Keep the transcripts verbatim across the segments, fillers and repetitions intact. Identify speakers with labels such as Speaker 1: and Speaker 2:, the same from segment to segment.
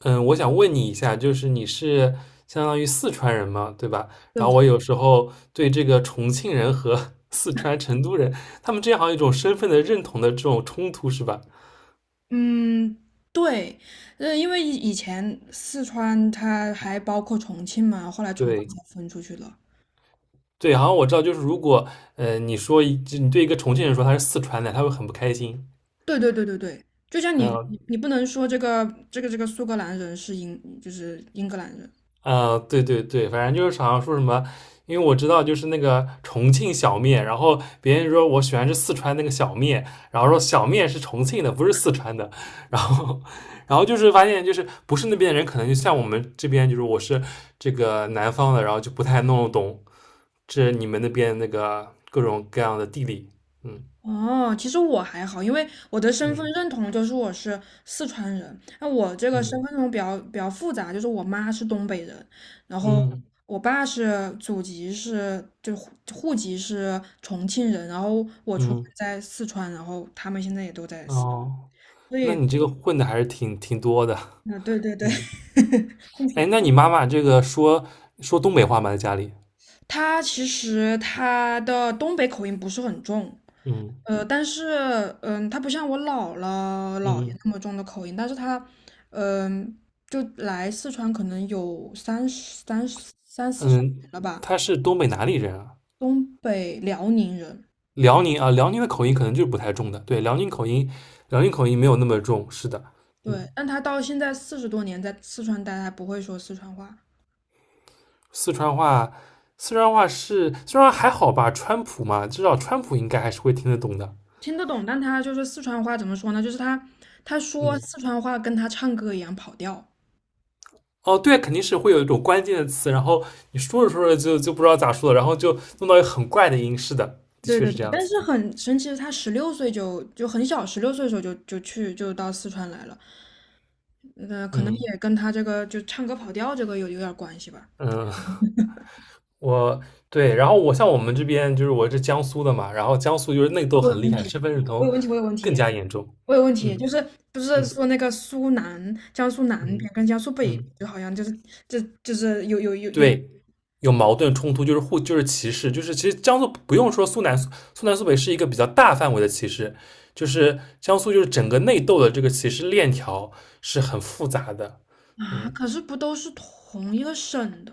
Speaker 1: 嗯，我想问你一下，就是你是相当于四川人嘛，对吧？然
Speaker 2: 有，
Speaker 1: 后我有时候对这个重庆人和 四川成都人，他们之间好像有一种身份的认同的这种冲突，是吧？
Speaker 2: 嗯，对，呃，因为以以前四川它还包括重庆嘛，后来重庆
Speaker 1: 对
Speaker 2: 才分出去了。
Speaker 1: 对，好像我知道，就是如果呃你说一就你对一个重庆人说他是四川的，他会很不开心。
Speaker 2: 对对对对对，就像你
Speaker 1: 嗯，
Speaker 2: 你你不能说这个这个这个苏格兰人是英就是英格兰人，
Speaker 1: 啊、对对对，反正就是好像说什么，因为我知道就是那个重庆小面，然后别人说我喜欢吃四川那个小面，然后说小面是重庆的，不是四川的，然后然后就是发现就是不是那边的人，可能就像我们这边就是我是这个南方的，然后就不太弄得懂这你们那边那个各种各样的地理，嗯
Speaker 2: 哦，其实我还好，因为我的身份
Speaker 1: 嗯
Speaker 2: 认同就是我是四川人。那我这个身
Speaker 1: 嗯
Speaker 2: 份认同比较比较复杂，就是我妈是东北人，然后
Speaker 1: 嗯
Speaker 2: 我爸是祖籍是就户户籍是重庆人，然后我出生
Speaker 1: 嗯，
Speaker 2: 在四川，然后他们现在也都在四
Speaker 1: 哦，
Speaker 2: 川，所
Speaker 1: 那
Speaker 2: 以
Speaker 1: 你这个混的还是挺挺多的，
Speaker 2: 啊，对对对，
Speaker 1: 嗯。
Speaker 2: 混血。
Speaker 1: 哎，那你妈妈这个说说东北话吗？在家里？
Speaker 2: 他其实他的东北口音不是很重，
Speaker 1: 嗯
Speaker 2: 呃，但是，嗯，他不像我姥姥姥爷
Speaker 1: 嗯
Speaker 2: 那么重的口音，但是他，嗯，就来四川可能有三十、三十、三四十年
Speaker 1: 嗯，
Speaker 2: 了吧，
Speaker 1: 她是东北哪里人啊？
Speaker 2: 东北辽宁人，
Speaker 1: 辽宁啊，辽宁的口音可能就是不太重的。对，辽宁口音，辽宁口音没有那么重。是的，
Speaker 2: 对，
Speaker 1: 嗯，
Speaker 2: 但他到现在四十多年在四川待，他不会说四川话，
Speaker 1: 四川话，四川话是虽然还好吧？川普嘛，至少川普应该还是会听得懂的。
Speaker 2: 听得懂，但他就是四川话怎么说呢？就是他他说
Speaker 1: 嗯，
Speaker 2: 四川话跟他唱歌一样跑调。
Speaker 1: 哦，对，肯定是会有一种关键的词，然后你说着说着就就不知道咋说了，然后就弄到一个很怪的音。是的，的
Speaker 2: 对
Speaker 1: 确
Speaker 2: 对
Speaker 1: 是这
Speaker 2: 对，
Speaker 1: 样
Speaker 2: 但
Speaker 1: 子。
Speaker 2: 是很神奇的是，他十六岁就就很小，十六岁的时候就就去就到四川来了，呃，可能
Speaker 1: 嗯
Speaker 2: 也跟他这个就唱歌跑调这个有有点关系吧。
Speaker 1: 嗯。我对，然后我像我们这边就是我是江苏的嘛，然后江苏就是内斗
Speaker 2: 我有
Speaker 1: 很厉
Speaker 2: 问
Speaker 1: 害，身份
Speaker 2: 题，
Speaker 1: 认
Speaker 2: 我
Speaker 1: 同
Speaker 2: 有问题，我有问
Speaker 1: 更
Speaker 2: 题，
Speaker 1: 加严重。
Speaker 2: 我有问题，
Speaker 1: 嗯
Speaker 2: 就是不是
Speaker 1: 嗯
Speaker 2: 说那个苏南、江苏南
Speaker 1: 嗯
Speaker 2: 边跟江苏北边
Speaker 1: 嗯，
Speaker 2: 就好像就是就就是有有有有
Speaker 1: 对，有矛盾冲突就是互就是歧视，就是其实江苏不用说苏南苏南苏北是一个比较大范围的歧视，就是江苏就是整个内斗的这个歧视链条是很复杂的。
Speaker 2: 啊，
Speaker 1: 嗯。
Speaker 2: 可是不都是同一个省的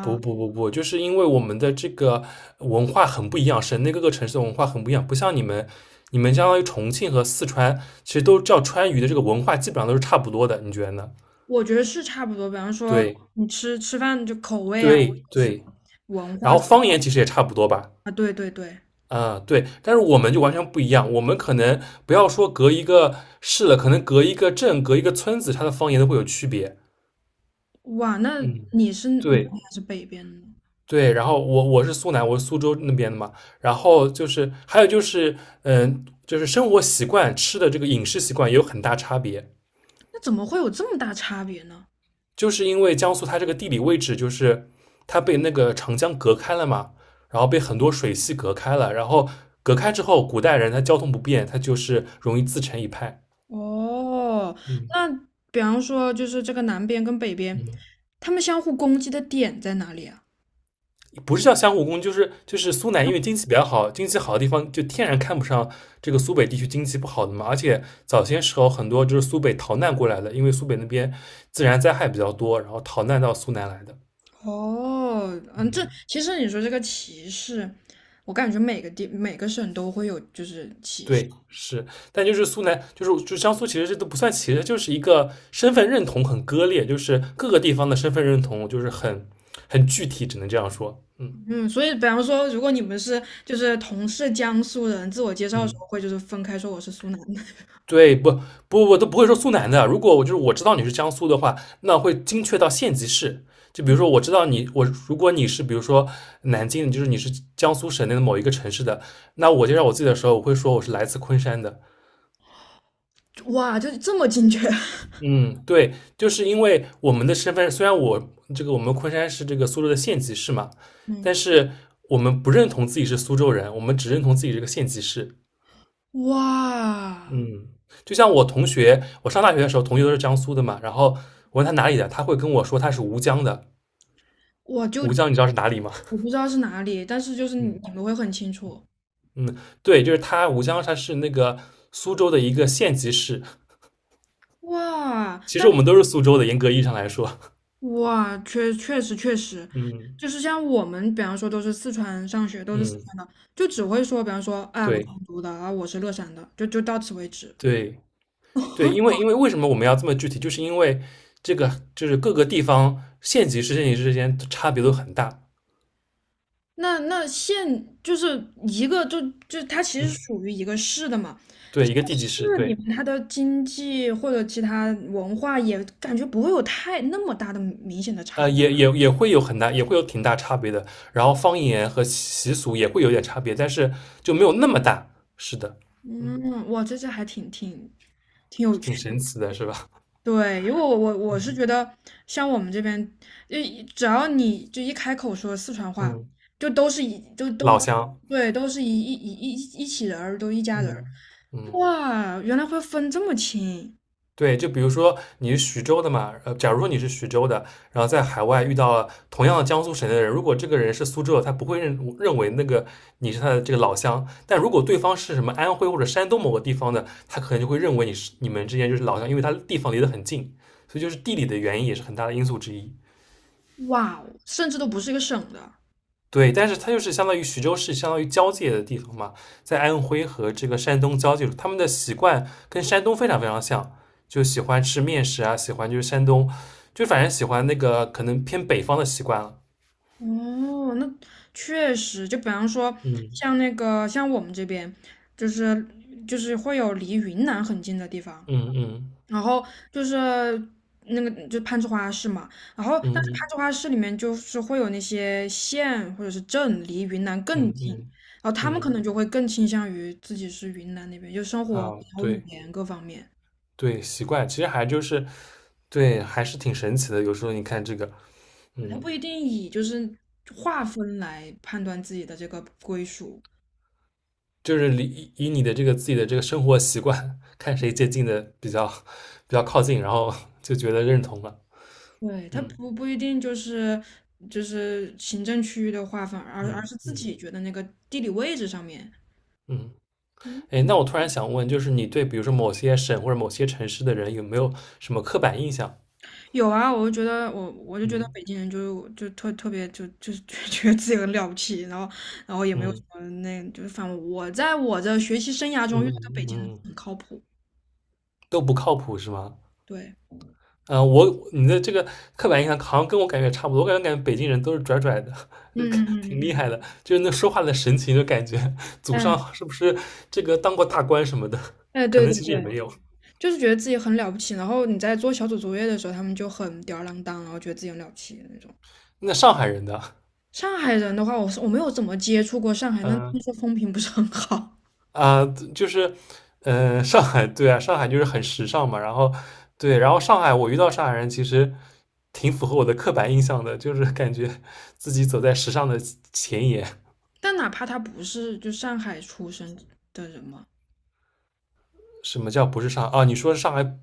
Speaker 1: 不不不不，就是因为我们的这个文化很不一样，省内各个城市的文化很不一样，不像你们，你们相当于重庆和四川，其实都叫川渝的这个文化基本上都是差不多的，你觉得呢？
Speaker 2: 我觉得是差不多，比方说
Speaker 1: 对
Speaker 2: 你吃吃饭就口味啊，
Speaker 1: 对
Speaker 2: 就是
Speaker 1: 对，
Speaker 2: 文
Speaker 1: 然
Speaker 2: 化
Speaker 1: 后方言其实也差不多吧，
Speaker 2: 啊，对对对。
Speaker 1: 啊、对，但是我们就完全不一样，我们可能不要说隔一个市了，可能隔一个镇、隔一个村子，它的方言都会有区别。
Speaker 2: 哇，那
Speaker 1: 嗯，
Speaker 2: 你是南边
Speaker 1: 对。
Speaker 2: 还是北边的呢？
Speaker 1: 对，然后我我是苏南，我是苏州那边的嘛，然后就是还有就是，嗯，就是生活习惯、吃的这个饮食习惯也有很大差别，
Speaker 2: 那怎么会有这么大差别呢？
Speaker 1: 就是因为江苏它这个地理位置，就是它被那个长江隔开了嘛，然后被很多水系隔开了，然后隔开之后，古代人他交通不便，他就是容易自成一派。
Speaker 2: 哦，
Speaker 1: 嗯
Speaker 2: 那比方说就是这个南边跟北边，
Speaker 1: 嗯，
Speaker 2: 他们相互攻击的点在哪里啊？
Speaker 1: 不是叫相互攻，就是就是苏南因为经济比较好，经济好的地方就天然看不上这个苏北地区经济不好的嘛。而且早些时候很多就是苏北逃难过来的，因为苏北那边自然灾害比较多，然后逃难到苏南来的。
Speaker 2: 哦，嗯，这
Speaker 1: 嗯，
Speaker 2: 其实你说这个歧视，我感觉每个地每个省都会有就是歧视，
Speaker 1: 对，是。但就是苏南，就是就江苏，其实这都不算歧视，就是一个身份认同很割裂，就是各个地方的身份认同就是很很具体，只能这样说。嗯
Speaker 2: 嗯，所以比方说如果你们是就是同是江苏人，自我介绍的时
Speaker 1: 嗯。
Speaker 2: 候会就是分开说我是苏南的，
Speaker 1: 对，不不，我都不会说苏南的。如果我就是我知道你是江苏的话，那会精确到县级市。就比如说，我知道你，我如果你是比如说南京，就是你是江苏省内的某一个城市的，那我介绍我自己的时候，我会说我是来自昆山的。
Speaker 2: 哇，就这么精确，
Speaker 1: 嗯，对，就是因为我们的身份，虽然我这个我们昆山是这个苏州的县级市嘛，
Speaker 2: 嗯，
Speaker 1: 但是我们不认同自己是苏州人，我们只认同自己这个县级市。
Speaker 2: 哇。
Speaker 1: 嗯，就像我同学，我上大学的时候，同学都是江苏的嘛，然后我问他哪里的，他会跟我说他是吴江的。
Speaker 2: 我就
Speaker 1: 吴江你知道是哪里吗？
Speaker 2: 我不知道是哪里，但是就是 你
Speaker 1: 嗯
Speaker 2: 你们会很清楚。
Speaker 1: 嗯，对，就是他，吴江他是那个苏州的一个县级市。
Speaker 2: 哇，
Speaker 1: 其
Speaker 2: 但
Speaker 1: 实我们都是苏州的，严格意义上来说，
Speaker 2: 哇，确确实确实，
Speaker 1: 嗯
Speaker 2: 就是像我们，比方说都是四川上学，都是四
Speaker 1: 嗯，
Speaker 2: 川的，就只会说，比方说，哎，我是成
Speaker 1: 对
Speaker 2: 都的，啊，我是乐山的，就就到此为止。
Speaker 1: 对对，因为因为为什么我们要这么具体，就是因为这个就是各个地方县级市、县级市之间差别都很大。
Speaker 2: 那那县就是一个，就就它其实属于一个市的嘛，
Speaker 1: 对，一个地级市，
Speaker 2: 市里
Speaker 1: 对，
Speaker 2: 面它的经济或者其他文化也感觉不会有太那么大的明显的差
Speaker 1: 呃，
Speaker 2: 异。
Speaker 1: 也也也会有很大，也会有挺大差别的。然后方言和习俗也会有点差别，但是就没有那么大。是的，嗯，
Speaker 2: 嗯，哇，这这还挺挺挺有趣。
Speaker 1: 挺神奇的，是吧？
Speaker 2: 对，因为我我我是觉
Speaker 1: 嗯
Speaker 2: 得，像我们这边，就一只要你就一开口说四川话，
Speaker 1: 嗯，
Speaker 2: 就都是一都
Speaker 1: 老
Speaker 2: 都，
Speaker 1: 乡，
Speaker 2: 对，都是一一一一一起人儿，都一家人儿。
Speaker 1: 嗯嗯。
Speaker 2: 哇，原来会分这么清，
Speaker 1: 对，就比如说你是徐州的嘛，呃，假如说你是徐州的，然后在海外遇到了同样的江苏省的人，如果这个人是苏州的，他不会认认为那个你是他的这个老乡，但如果对方是什么安徽或者山东某个地方的，他可能就会认为你是你们之间就是老乡，因为他地方离得很近，所以就是地理的原因也是很大的因素之一。
Speaker 2: 哇哦甚至都不是一个省的。
Speaker 1: 对，但是它就是相当于徐州市，相当于交界的地方嘛，在安徽和这个山东交界处，他们的习惯跟山东非常非常像，就喜欢吃面食啊，喜欢就是山东，就反正喜欢那个可能偏北方的习惯了。
Speaker 2: 哦，那确实，就比方说，
Speaker 1: 嗯
Speaker 2: 像那个像我们这边，就是就是会有离云南很近的地方，
Speaker 1: 嗯嗯
Speaker 2: 然后就是那个就攀枝花市嘛，然后但
Speaker 1: 嗯
Speaker 2: 是攀
Speaker 1: 嗯
Speaker 2: 枝花市里面就是会有那些县或者是镇离云南更
Speaker 1: 嗯
Speaker 2: 近，
Speaker 1: 嗯
Speaker 2: 然后他们可
Speaker 1: 嗯
Speaker 2: 能就会更倾向于自己是云南那边，就生活
Speaker 1: 啊，
Speaker 2: 然后语
Speaker 1: 对
Speaker 2: 言各方面，
Speaker 1: 对，习惯其实还就是对，还是挺神奇的。有时候你看这个，
Speaker 2: 对，他
Speaker 1: 嗯。
Speaker 2: 不一定以就是划分来判断自己的这个归属，
Speaker 1: 就是以以你的这个自己的这个生活习惯，看谁接近的比较比较靠近，然后 就觉得认同了。
Speaker 2: 对，他
Speaker 1: 嗯
Speaker 2: 不不一定就是就是行政区域的划分，而而
Speaker 1: 嗯
Speaker 2: 是自
Speaker 1: 嗯
Speaker 2: 己觉得那个地理位置上面。
Speaker 1: 嗯。哎，那我突然想问，就是你对比如说某些省或者某些城市的人有没有什么刻板印象？
Speaker 2: 有啊，我就觉得我我就觉得
Speaker 1: 嗯
Speaker 2: 北京人就就特特别就就是就 觉得自己很了不起，然后然后也没有什
Speaker 1: 嗯
Speaker 2: 么那就是反正我在我的学习生涯
Speaker 1: 嗯
Speaker 2: 中遇到的北
Speaker 1: 嗯，
Speaker 2: 京人
Speaker 1: 嗯
Speaker 2: 很靠谱，
Speaker 1: 都不靠谱是吗？
Speaker 2: 对，
Speaker 1: 啊、呃我你的这个刻板印象好像跟我感觉差不多，我感觉感觉北京人都是拽拽的，
Speaker 2: 嗯嗯 嗯
Speaker 1: 挺厉
Speaker 2: 嗯，
Speaker 1: 害的，就是那说话的神情，就感觉祖
Speaker 2: 嗯，哎
Speaker 1: 上是不是这个当过大官什么的，
Speaker 2: 哎，
Speaker 1: 可
Speaker 2: 对
Speaker 1: 能
Speaker 2: 对
Speaker 1: 其实也
Speaker 2: 对，
Speaker 1: 没有。
Speaker 2: 就是觉得自己很了不起，然后你在做小组作业的时候，他们就很吊儿郎当，然后觉得自己很了不起的那种。
Speaker 1: 那上海人的，
Speaker 2: 上海人的话，我是我没有怎么接触过上海，那
Speaker 1: 嗯、
Speaker 2: 听说风评不是很好，
Speaker 1: 啊，就是呃，上海对啊，上海就是很时尚嘛，然后对，然后上海我遇到上海人其实挺符合我的刻板印象的，就是感觉自己走在时尚的前沿，
Speaker 2: 但哪怕他不是就上海出生的人嘛，
Speaker 1: 什么叫不是上海啊？你说上海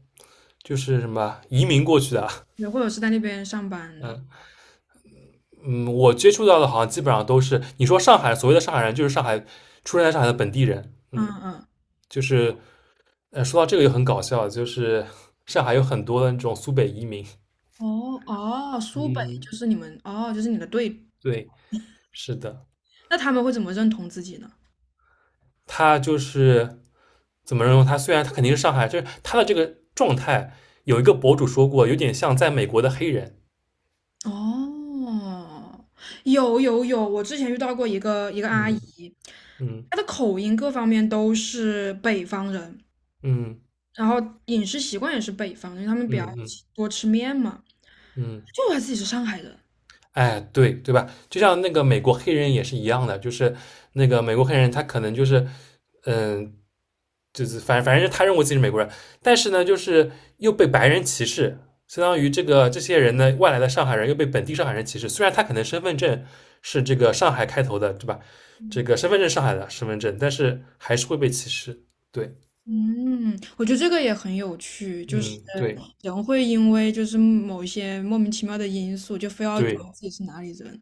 Speaker 1: 就是什么移民过去的啊
Speaker 2: 也或者是在那边上班的。
Speaker 1: 嗯，我接触到的好像基本上都是你说上海所谓的上海人，就是上海出生在上海的本地人。
Speaker 2: 嗯
Speaker 1: 嗯，
Speaker 2: 嗯，
Speaker 1: 就是呃，说到这个就很搞笑，就是上海有很多的那种苏北移民。
Speaker 2: 哦哦，苏北
Speaker 1: 嗯，
Speaker 2: 就是你们哦，就是你的队，
Speaker 1: 对，是的，
Speaker 2: 那他们会怎么认同自己呢？
Speaker 1: 他就是怎么认为？他虽然他肯定是上海，就是他的这个状态，有一个博主说过，有点像在美国的黑人。
Speaker 2: 哦，有有有，我之前遇到过一个一个阿姨，
Speaker 1: 嗯嗯
Speaker 2: 她的口音各方面都是北方人，
Speaker 1: 嗯
Speaker 2: 然后饮食习惯也是北方，因为他们比
Speaker 1: 嗯
Speaker 2: 较
Speaker 1: 嗯嗯。嗯
Speaker 2: 吃多吃面嘛，
Speaker 1: 嗯
Speaker 2: 就她自己是上海人。
Speaker 1: 哎，对对吧？就像那个美国黑人也是一样的，就是那个美国黑人，他可能就是，嗯，就是反正反正他认为自己是美国人，但是呢，就是又被白人歧视，相当于这个这些人呢，外来的上海人又被本地上海人歧视。虽然他可能身份证是这个上海开头的，对吧？这个身份证上海的身份证，但是还是会被歧视。对，
Speaker 2: 嗯，我觉得这个也很有趣，就是
Speaker 1: 嗯，对
Speaker 2: 人会因为就是某一些莫名其妙的因素，就非要觉得
Speaker 1: 对，
Speaker 2: 自己是哪里人，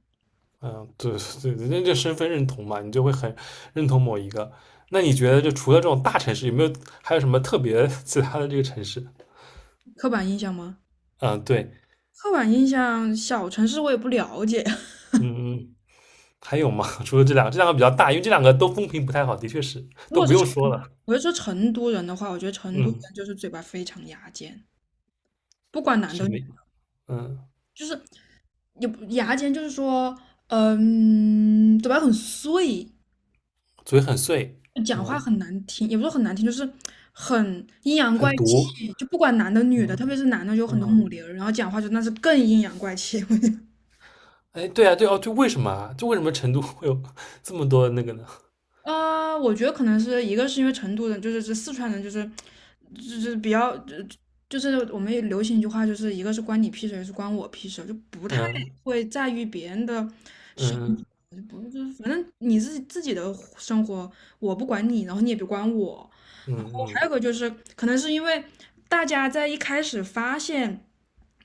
Speaker 1: 嗯，对对 对，人家这身份认同嘛，你就会很认同某一个。那你觉得，就除了这种大城市，有没有还有什么特别 其他的这个城市？
Speaker 2: 刻板印象吗？
Speaker 1: 嗯，对，
Speaker 2: 刻板印象，小城市我也不了解。
Speaker 1: 嗯嗯，还有吗？除了这两个，这两个比较大，因为这两个都风评不太好，的确是
Speaker 2: 如
Speaker 1: 都
Speaker 2: 果
Speaker 1: 不
Speaker 2: 是
Speaker 1: 用
Speaker 2: 成，
Speaker 1: 说了。
Speaker 2: 我就说成都人的话，我觉得成都人
Speaker 1: 嗯，
Speaker 2: 就是嘴巴非常牙尖，不管男
Speaker 1: 什
Speaker 2: 的
Speaker 1: 么？
Speaker 2: 女的，
Speaker 1: 嗯，
Speaker 2: 也不牙尖就是说，嗯，嘴巴很碎，
Speaker 1: 嘴很碎，
Speaker 2: 讲话
Speaker 1: 嗯，
Speaker 2: 很难听，也不是很难听，就是很阴阳怪
Speaker 1: 很毒，
Speaker 2: 气，就不管男的女的，
Speaker 1: 嗯
Speaker 2: 特别是男的有很多
Speaker 1: 嗯，
Speaker 2: 母零儿然后讲话就那是更阴阳怪气。
Speaker 1: 哎，对啊，对哦，就为什么啊？就为什么成都会有 这么多那个呢？
Speaker 2: 呃，我觉得可能是一个是因为成都人，就是这四川人，就是就是比较，就就是我们也流行一句话，就是一个是关你屁事，一个是关我屁事，就不太
Speaker 1: 嗯
Speaker 2: 会在意别人的生活，
Speaker 1: 嗯
Speaker 2: 就不就是反正你自己自己的生活，我不管你，然后你也别管我。
Speaker 1: 嗯
Speaker 2: 然后还
Speaker 1: 嗯，
Speaker 2: 有个就是，可能是因为大家在一开始发现，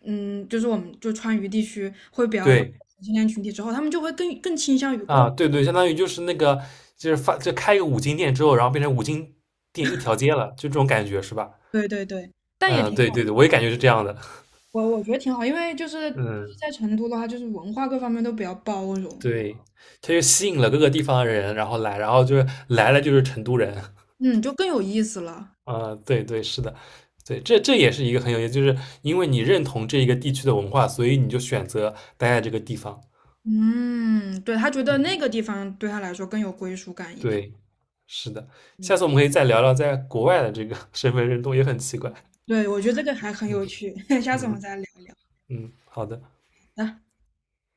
Speaker 2: 嗯，就是我们就川渝地区会比较多
Speaker 1: 对。
Speaker 2: 同性恋群体之后，他们就会更更倾向于过，
Speaker 1: 啊，对对，相当于就是那个，就是发，就开一个五金店之后，然后变成五金店一条街了，就这种感觉是吧？
Speaker 2: 对对对，但也
Speaker 1: 嗯，
Speaker 2: 挺。
Speaker 1: 对对对，我也感觉是这样的。
Speaker 2: 我我觉得挺好，因为就是就 是
Speaker 1: 嗯，
Speaker 2: 在成都的话，就是文化各方面都比较包容，
Speaker 1: 对，它就吸引了各个地方的人，然后来，然后就是来了就是成都人。
Speaker 2: 嗯，就更有意思了。
Speaker 1: 啊，对对，是的，对，这这也是一个很有意思，就是因为你认同这一个地区的文化，所以你就选择待在这个地方。
Speaker 2: 嗯，对，他觉得
Speaker 1: 嗯，
Speaker 2: 那个地方对他来说更有归属感一点。
Speaker 1: 对，是的，下次
Speaker 2: 对，
Speaker 1: 我们可以再聊聊在国外的这个 身份认同，也很奇怪。
Speaker 2: 对，我觉得这个还很
Speaker 1: 嗯
Speaker 2: 有趣，下次我
Speaker 1: 嗯
Speaker 2: 们再聊一聊。
Speaker 1: 嗯，好的。
Speaker 2: 好的。